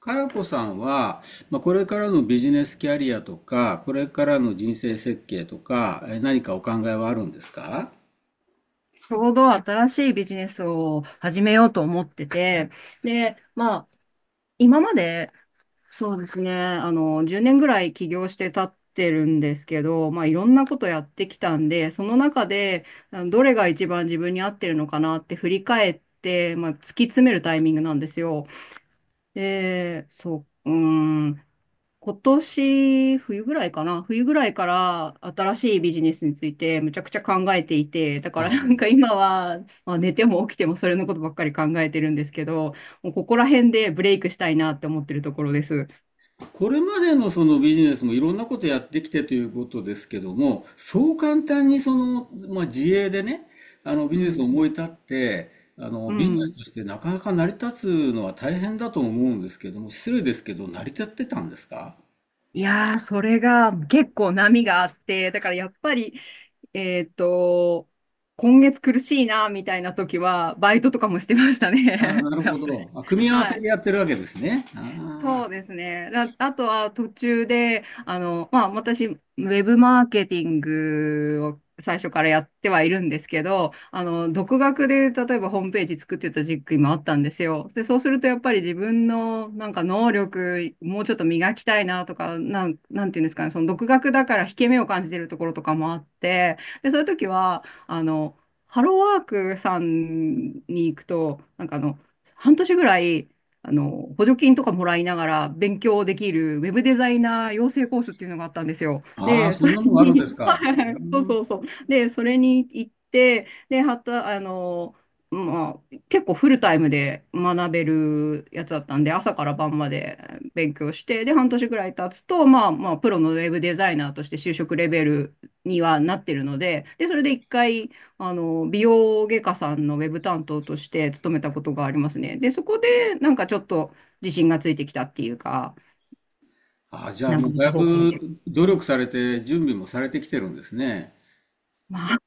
かやこさんは、まあ、これからのビジネスキャリアとか、これからの人生設計とか、何かお考えはあるんですか？ちょうど新しいビジネスを始めようと思ってて、で、まあ、今まで、そうですね、10年ぐらい起業して経ってるんですけど、まあ、いろんなことやってきたんで、その中で、どれが一番自分に合ってるのかなって振り返って、まあ、突き詰めるタイミングなんですよ。で、そう、うーん。今年冬ぐらいかな冬ぐらいから新しいビジネスについてむちゃくちゃ考えていて、だから あ今は、まあ、寝ても起きてもそれのことばっかり考えてるんですけど、もうここら辺でブレイクしたいなって思ってるところです。これまでのそのビジネスもいろんなことやってきてということですけども、そう簡単にその、まあ、自営でね、あのビうジネスをん。思い立って、あのうビジネスん。としてなかなか成り立つのは大変だと思うんですけども、失礼ですけど、成り立ってたんですか？いやー、それが結構波があって、だからやっぱり、えっと、今月苦しいなみたいな時は、バイトとかもしてましたああ、ね。なる やほっぱど。あ、組り。み合わはせい。でやってるわけですね。あそうあ。ですね。あ、あとは途中で、私、ウェブマーケティングを最初からやってはいるんですけど、独学で例えばホームページ作ってた時期もあったんですよ。で、そうするとやっぱり自分のなんか能力、もうちょっと磨きたいなとか、なんていうんですかね、その独学だから引け目を感じてるところとかもあって、で、そういう時は、ハローワークさんに行くと、半年ぐらい、補助金とかもらいながら勉強できるウェブデザイナー養成コースっていうのがあったんですよ。ああ、で、そそんれなのがあるんでに、す か。はうい、そうん。そうそう。で、それに行って、で、はた、あの、まあ、結構フルタイムで学べるやつだったんで、朝から晩まで勉強して、で、半年ぐらい経つと、まあ、プロのウェブデザイナーとして就職レベルにはなってるので、で、それで一回、美容外科さんのウェブ担当として勤めたことがありますね。で、そこで、なんかちょっと自信がついてきたっていうか、ああ、じゃあなんもかうまだたい方向性。ぶ努う力ん。されて、準備もされてきてるんですね。まあ、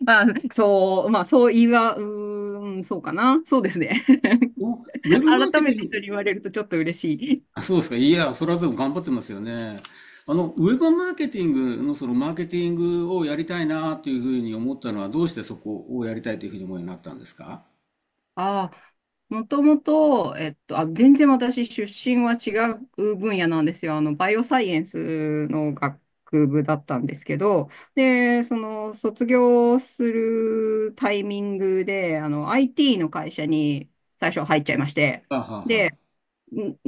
まあ、そう言いは、そうかな。そうですね。お、ウェブマー改ケテめィてン人にグ、言われるとちょっと嬉しい。あ、そうですか。いや、それはでも頑張ってますよね。あの、ウェブマーケティングのそのマーケティングをやりたいなというふうに思ったのは、どうしてそこをやりたいというふうに思うようになったんですか？ああ、もともと、全然私出身は違う分野なんですよ。あの、バイオサイエンスの学部だったんですけど、で、その、卒業するタイミングで、IT の会社に最初入っちゃいまして、はあはあで、は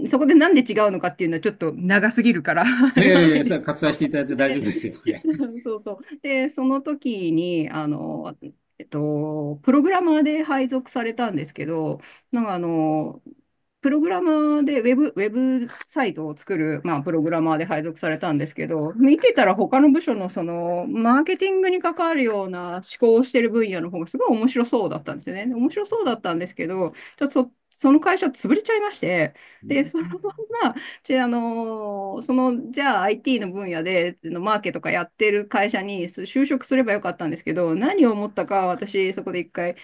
そこでなんで違うのかっていうのはちょっと長すぎるから あ。い言やいわなやいいや、ん割愛していただいて大丈で、夫ですよ。そうそう。で、その時に、プログラマーで配属されたんですけど、なんかあの、プログラマーでウェブ、ウェブサイトを作る、まあ、プログラマーで配属されたんですけど、見てたら他の部署のその、マーケティングに関わるような思考をしてる分野の方がすごい面白そうだったんですよね。で、面白そうだったんですけど、ちょっとそ、その会社潰れちゃいまして、で、そのまんまじゃあ、じゃあ IT の分野で、のマーケとかやってる会社に就職すればよかったんですけど、何を思ったか、私、そこで一回、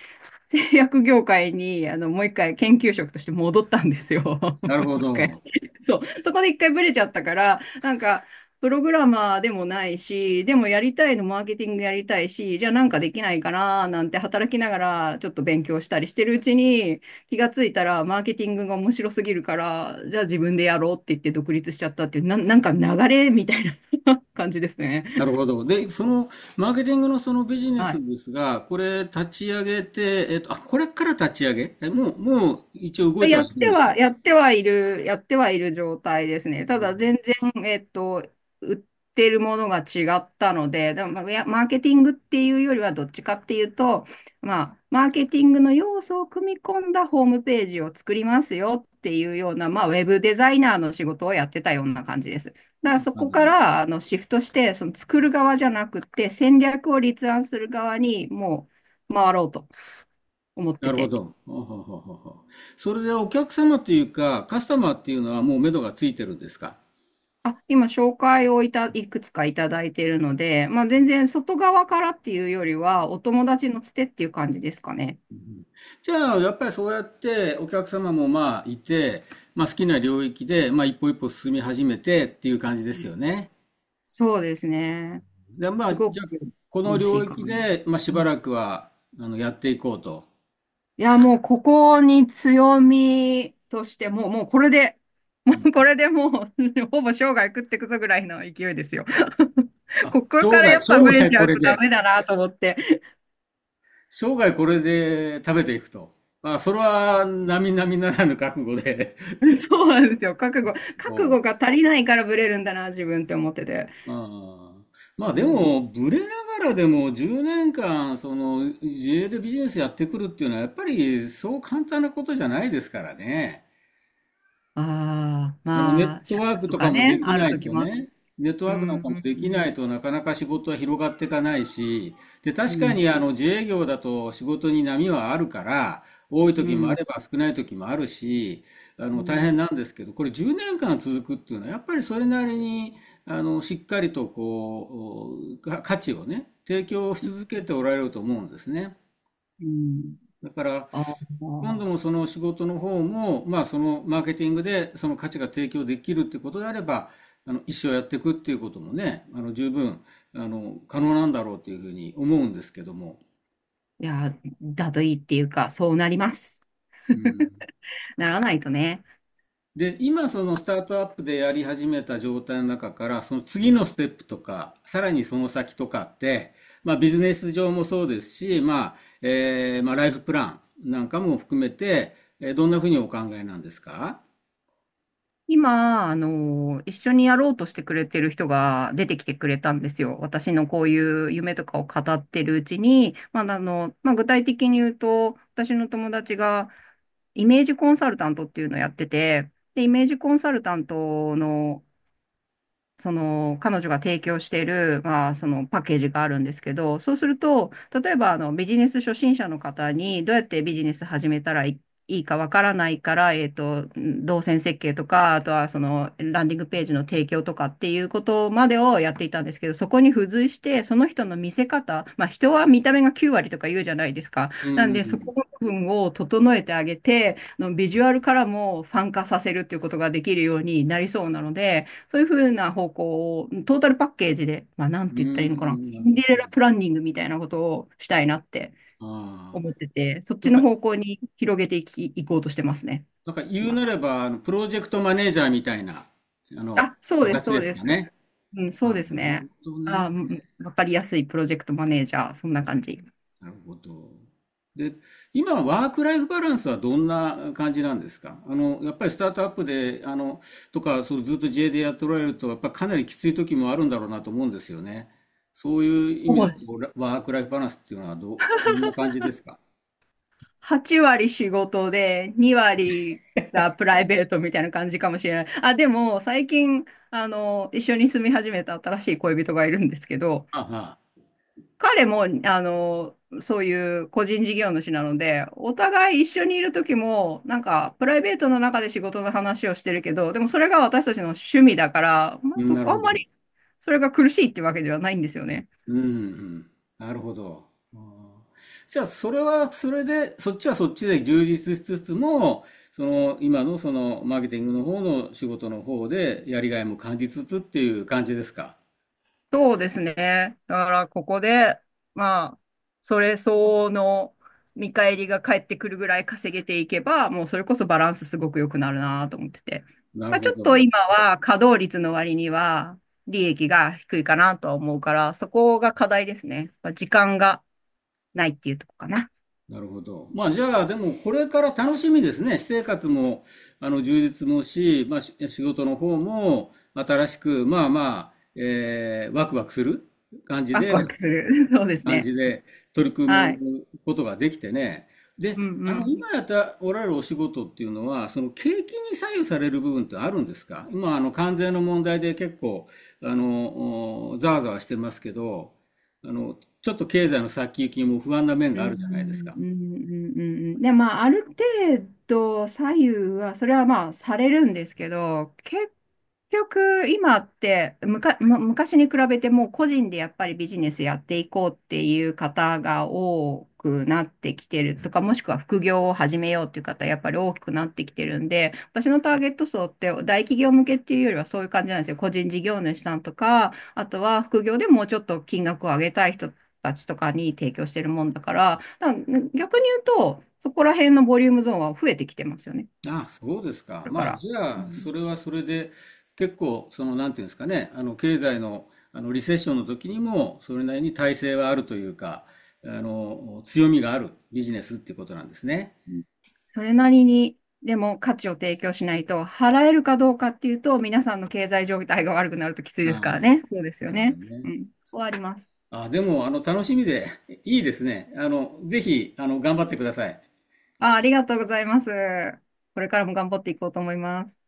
製薬業界に、もう一回研究職として戻ったんですよ。も なるうほ一回。ど。そう。そこで一回ブレちゃったから、プログラマーでもないし、でもやりたいのマーケティングやりたいし、じゃあなんかできないかななんて働きながらちょっと勉強したりしてるうちに気がついたらマーケティングが面白すぎるから、じゃあ自分でやろうって言って独立しちゃったっていう、なんか流れみたいな 感じですね。なるほど。で、そのマーケティングのそのビジネはスい。ですが、これ立ち上げて、あ、これから立ち上げ、もう、もう一応動いてはいるんでしたっけ？やってはいる状態ですね。ただ全然、えっと、売ってるものが違ったので、でもまあいや、マーケティングっていうよりはどっちかっていうと、まあ、マーケティングの要素を組み込んだホームページを作りますよっていうような、まあ、ウェブデザイナーの仕事をやってたような感じです。だからそなこるかほど。らシフトして、その作る側じゃなくて、戦略を立案する側に回ろうと思ってなるほて。ど。ほうほうほうほうほう。それでお客様というか、カスタマーっていうのはもう目処がついてるんですか？あ、今紹介をいた、いくつかいただいているので、まあ全然外側からっていうよりは、お友達のつてっていう感じですかね。じゃあ、やっぱりそうやってお客様もまあいて、まあ好きな領域で、まあ一歩一歩進み始めてっていう感じでうすん。よね。そうですね。で、ますあ、ごじゃあ、くこの楽し領いか域な。で、まあしうばん。らくは、あの、やっていこうと。いや、もうここに強みとして、もう、もうこれで、もうこれでもう、ほぼ生涯食ってくぞぐらいの勢いですよ。あ、ここ生から涯、やっぱ生ブレ涯ちゃこうれとダメで、だなと思って。生涯これで食べていくと。まあ、それは、並々ならぬ覚悟で。そうなんですよ。覚そ悟が足りないからブレるんだな、自分って思ってて。う。ああ。まうあ、でん。も、ブレながらでも10年間、その、自営でビジネスやってくるっていうのは、やっぱり、そう簡単なことじゃないですからね。ああ、あのネまッあ、ト借ワー金クととかかもね、できあるない時ともあった。ね、ネットうワークなんん、かもでうきなん、いとなかなか仕事は広がっていかないし、で、う確かん、にあの自営業だと仕事に波はあるから、多いう時もあん、れば少ない時もあるし、あうの大変ん、なんですけど、これ10年間続くっていうのは、やっぱりそれなりに、あのしっかりとこう、価値をね、提供し続けておられると思うんですね。うん。だから、ああ今ー、度もその仕事の方も、まあ、そのマーケティングでその価値が提供できるってことであれば、あの一生やっていくっていうこともね、あの十分あの可能なんだろうというふうに思うんですけども。いや、だといいっていうか、そうなります。うん。ならないとね。で、今そのスタートアップでやり始めた状態の中から、その次のステップとか、さらにその先とかって、まあビジネス上もそうですし、まあ、まあライフプランなんかも含めて、どんなふうにお考えなんですか？今、一緒にやろうとしてくれてる人が出てきてくれたんですよ。私のこういう夢とかを語ってるうちに、具体的に言うと、私の友達がイメージコンサルタントっていうのをやってて、で、イメージコンサルタントのその彼女が提供している、まあ、そのパッケージがあるんですけど、そうすると、例えばビジネス初心者の方にどうやってビジネス始めたらいかわからないから、動線設計とか、あとはそのランディングページの提供とかっていうことまでをやっていたんですけど、そこに付随して、その人の見せ方、まあ人は見た目が9割とか言うじゃないですか。うなんで、そこん、の部分を整えてあげて、ビジュアルからもファン化させるっていうことができるようになりそうなので、そういうふうな方向を、トータルパッケージで、まあ、なんうて言ったらいいのかな、ん、シなるンほデレど。ラプランニングみたいなことをしたいなってああ、思ってて、そっなちんか、の方向に広げていき、いこうとしてますね、なんか言う今。なれば、あの、プロジェクトマネージャーみたいな、あの、あ、そうです、形そでうすです。かね。うん、そうあ、なでするね。ほどね。わかりやすいプロジェクトマネージャー、そんな感じ。なるほど。で、今、ワークライフバランスはどんな感じなんですか？あの、やっぱりスタートアップで、あの、とか、そう、ずっと自営でやっておられると、やっぱかなりきつい時もあるんだろうなと思うんですよね。そういう意ほ味で、ぼこう、ワークライフバランスっていうのはどう、どんな感じですか？8割仕事で、2割がプライベートみたいな感じかもしれない。あ、でも、最近、一緒に住み始めた新しい恋人がいるんですけど、ああ、は、彼も、そういう個人事業主なので、お互い一緒にいる時も、プライベートの中で仕事の話をしてるけど、でもそれが私たちの趣味だから、まあ、うん、そなるこ、あほんど。まりそれが苦しいってわけではないんですよね。うんうん、なるほど。あー、じゃあ、それはそれで、そっちはそっちで充実しつつも、その今のそのマーケティングの方の仕事の方でやりがいも感じつつっていう感じですか。そうですね。だからここで、まあ、それ相応の見返りが返ってくるぐらい稼げていけば、もうそれこそバランスすごく良くなるなと思ってて。なるまあ、ちほょっとど。今は稼働率の割には利益が低いかなとは思うから、そこが課題ですね。まあ時間がないっていうとこかな。なるほど。まあじゃあ、でもこれから楽しみですね。私生活も、あの、充実もし、まあ仕事の方も新しく、まあまあ、ワクワクする感じワでクワクする。そうです感ね。じで取り組はい。むことができてね。で、うん、あうの、ん。今やっておられるお仕事っていうのは、その景気に左右される部分ってあるんですか？今、あの、関税の問題で結構、あの、ざわざわしてますけど、あの、ちょっと経済の先行きも不安な面うがあん、うるじゃないですん、か。うん、うん、うん。で、まあ、ある程度左右は、それはまあ、されるんですけど、結局、今って、むか、む、昔に比べてもう個人でやっぱりビジネスやっていこうっていう方が多くなってきてるとか、もしくは副業を始めようっていう方、やっぱり大きくなってきてるんで、私のターゲット層って大企業向けっていうよりはそういう感じなんですよ。個人事業主さんとか、あとは副業でもうちょっと金額を上げたい人たちとかに提供してるもんだから、だから逆に言うと、そこら辺のボリュームゾーンは増えてきてますよね。こあ、そうですか。れかまあ、ら。じうゃあ、ん。それはそれで、結構、その、なんていうんですかね、あの、経済の、あの、リセッションの時にも、それなりに耐性はあるというか、あの、強みがあるビジネスっていうことなんですね。それなりに、でも価値を提供しないと、払えるかどうかっていうと、皆さんの経済状態が悪くなるときついあですからあ、ね。そうですよなるほどね。ね。うん。終わります。あ、でも、あの、楽しみで、いいですね。あの、ぜひ、あの、頑張ってください。あ、ありがとうございます。これからも頑張っていこうと思います。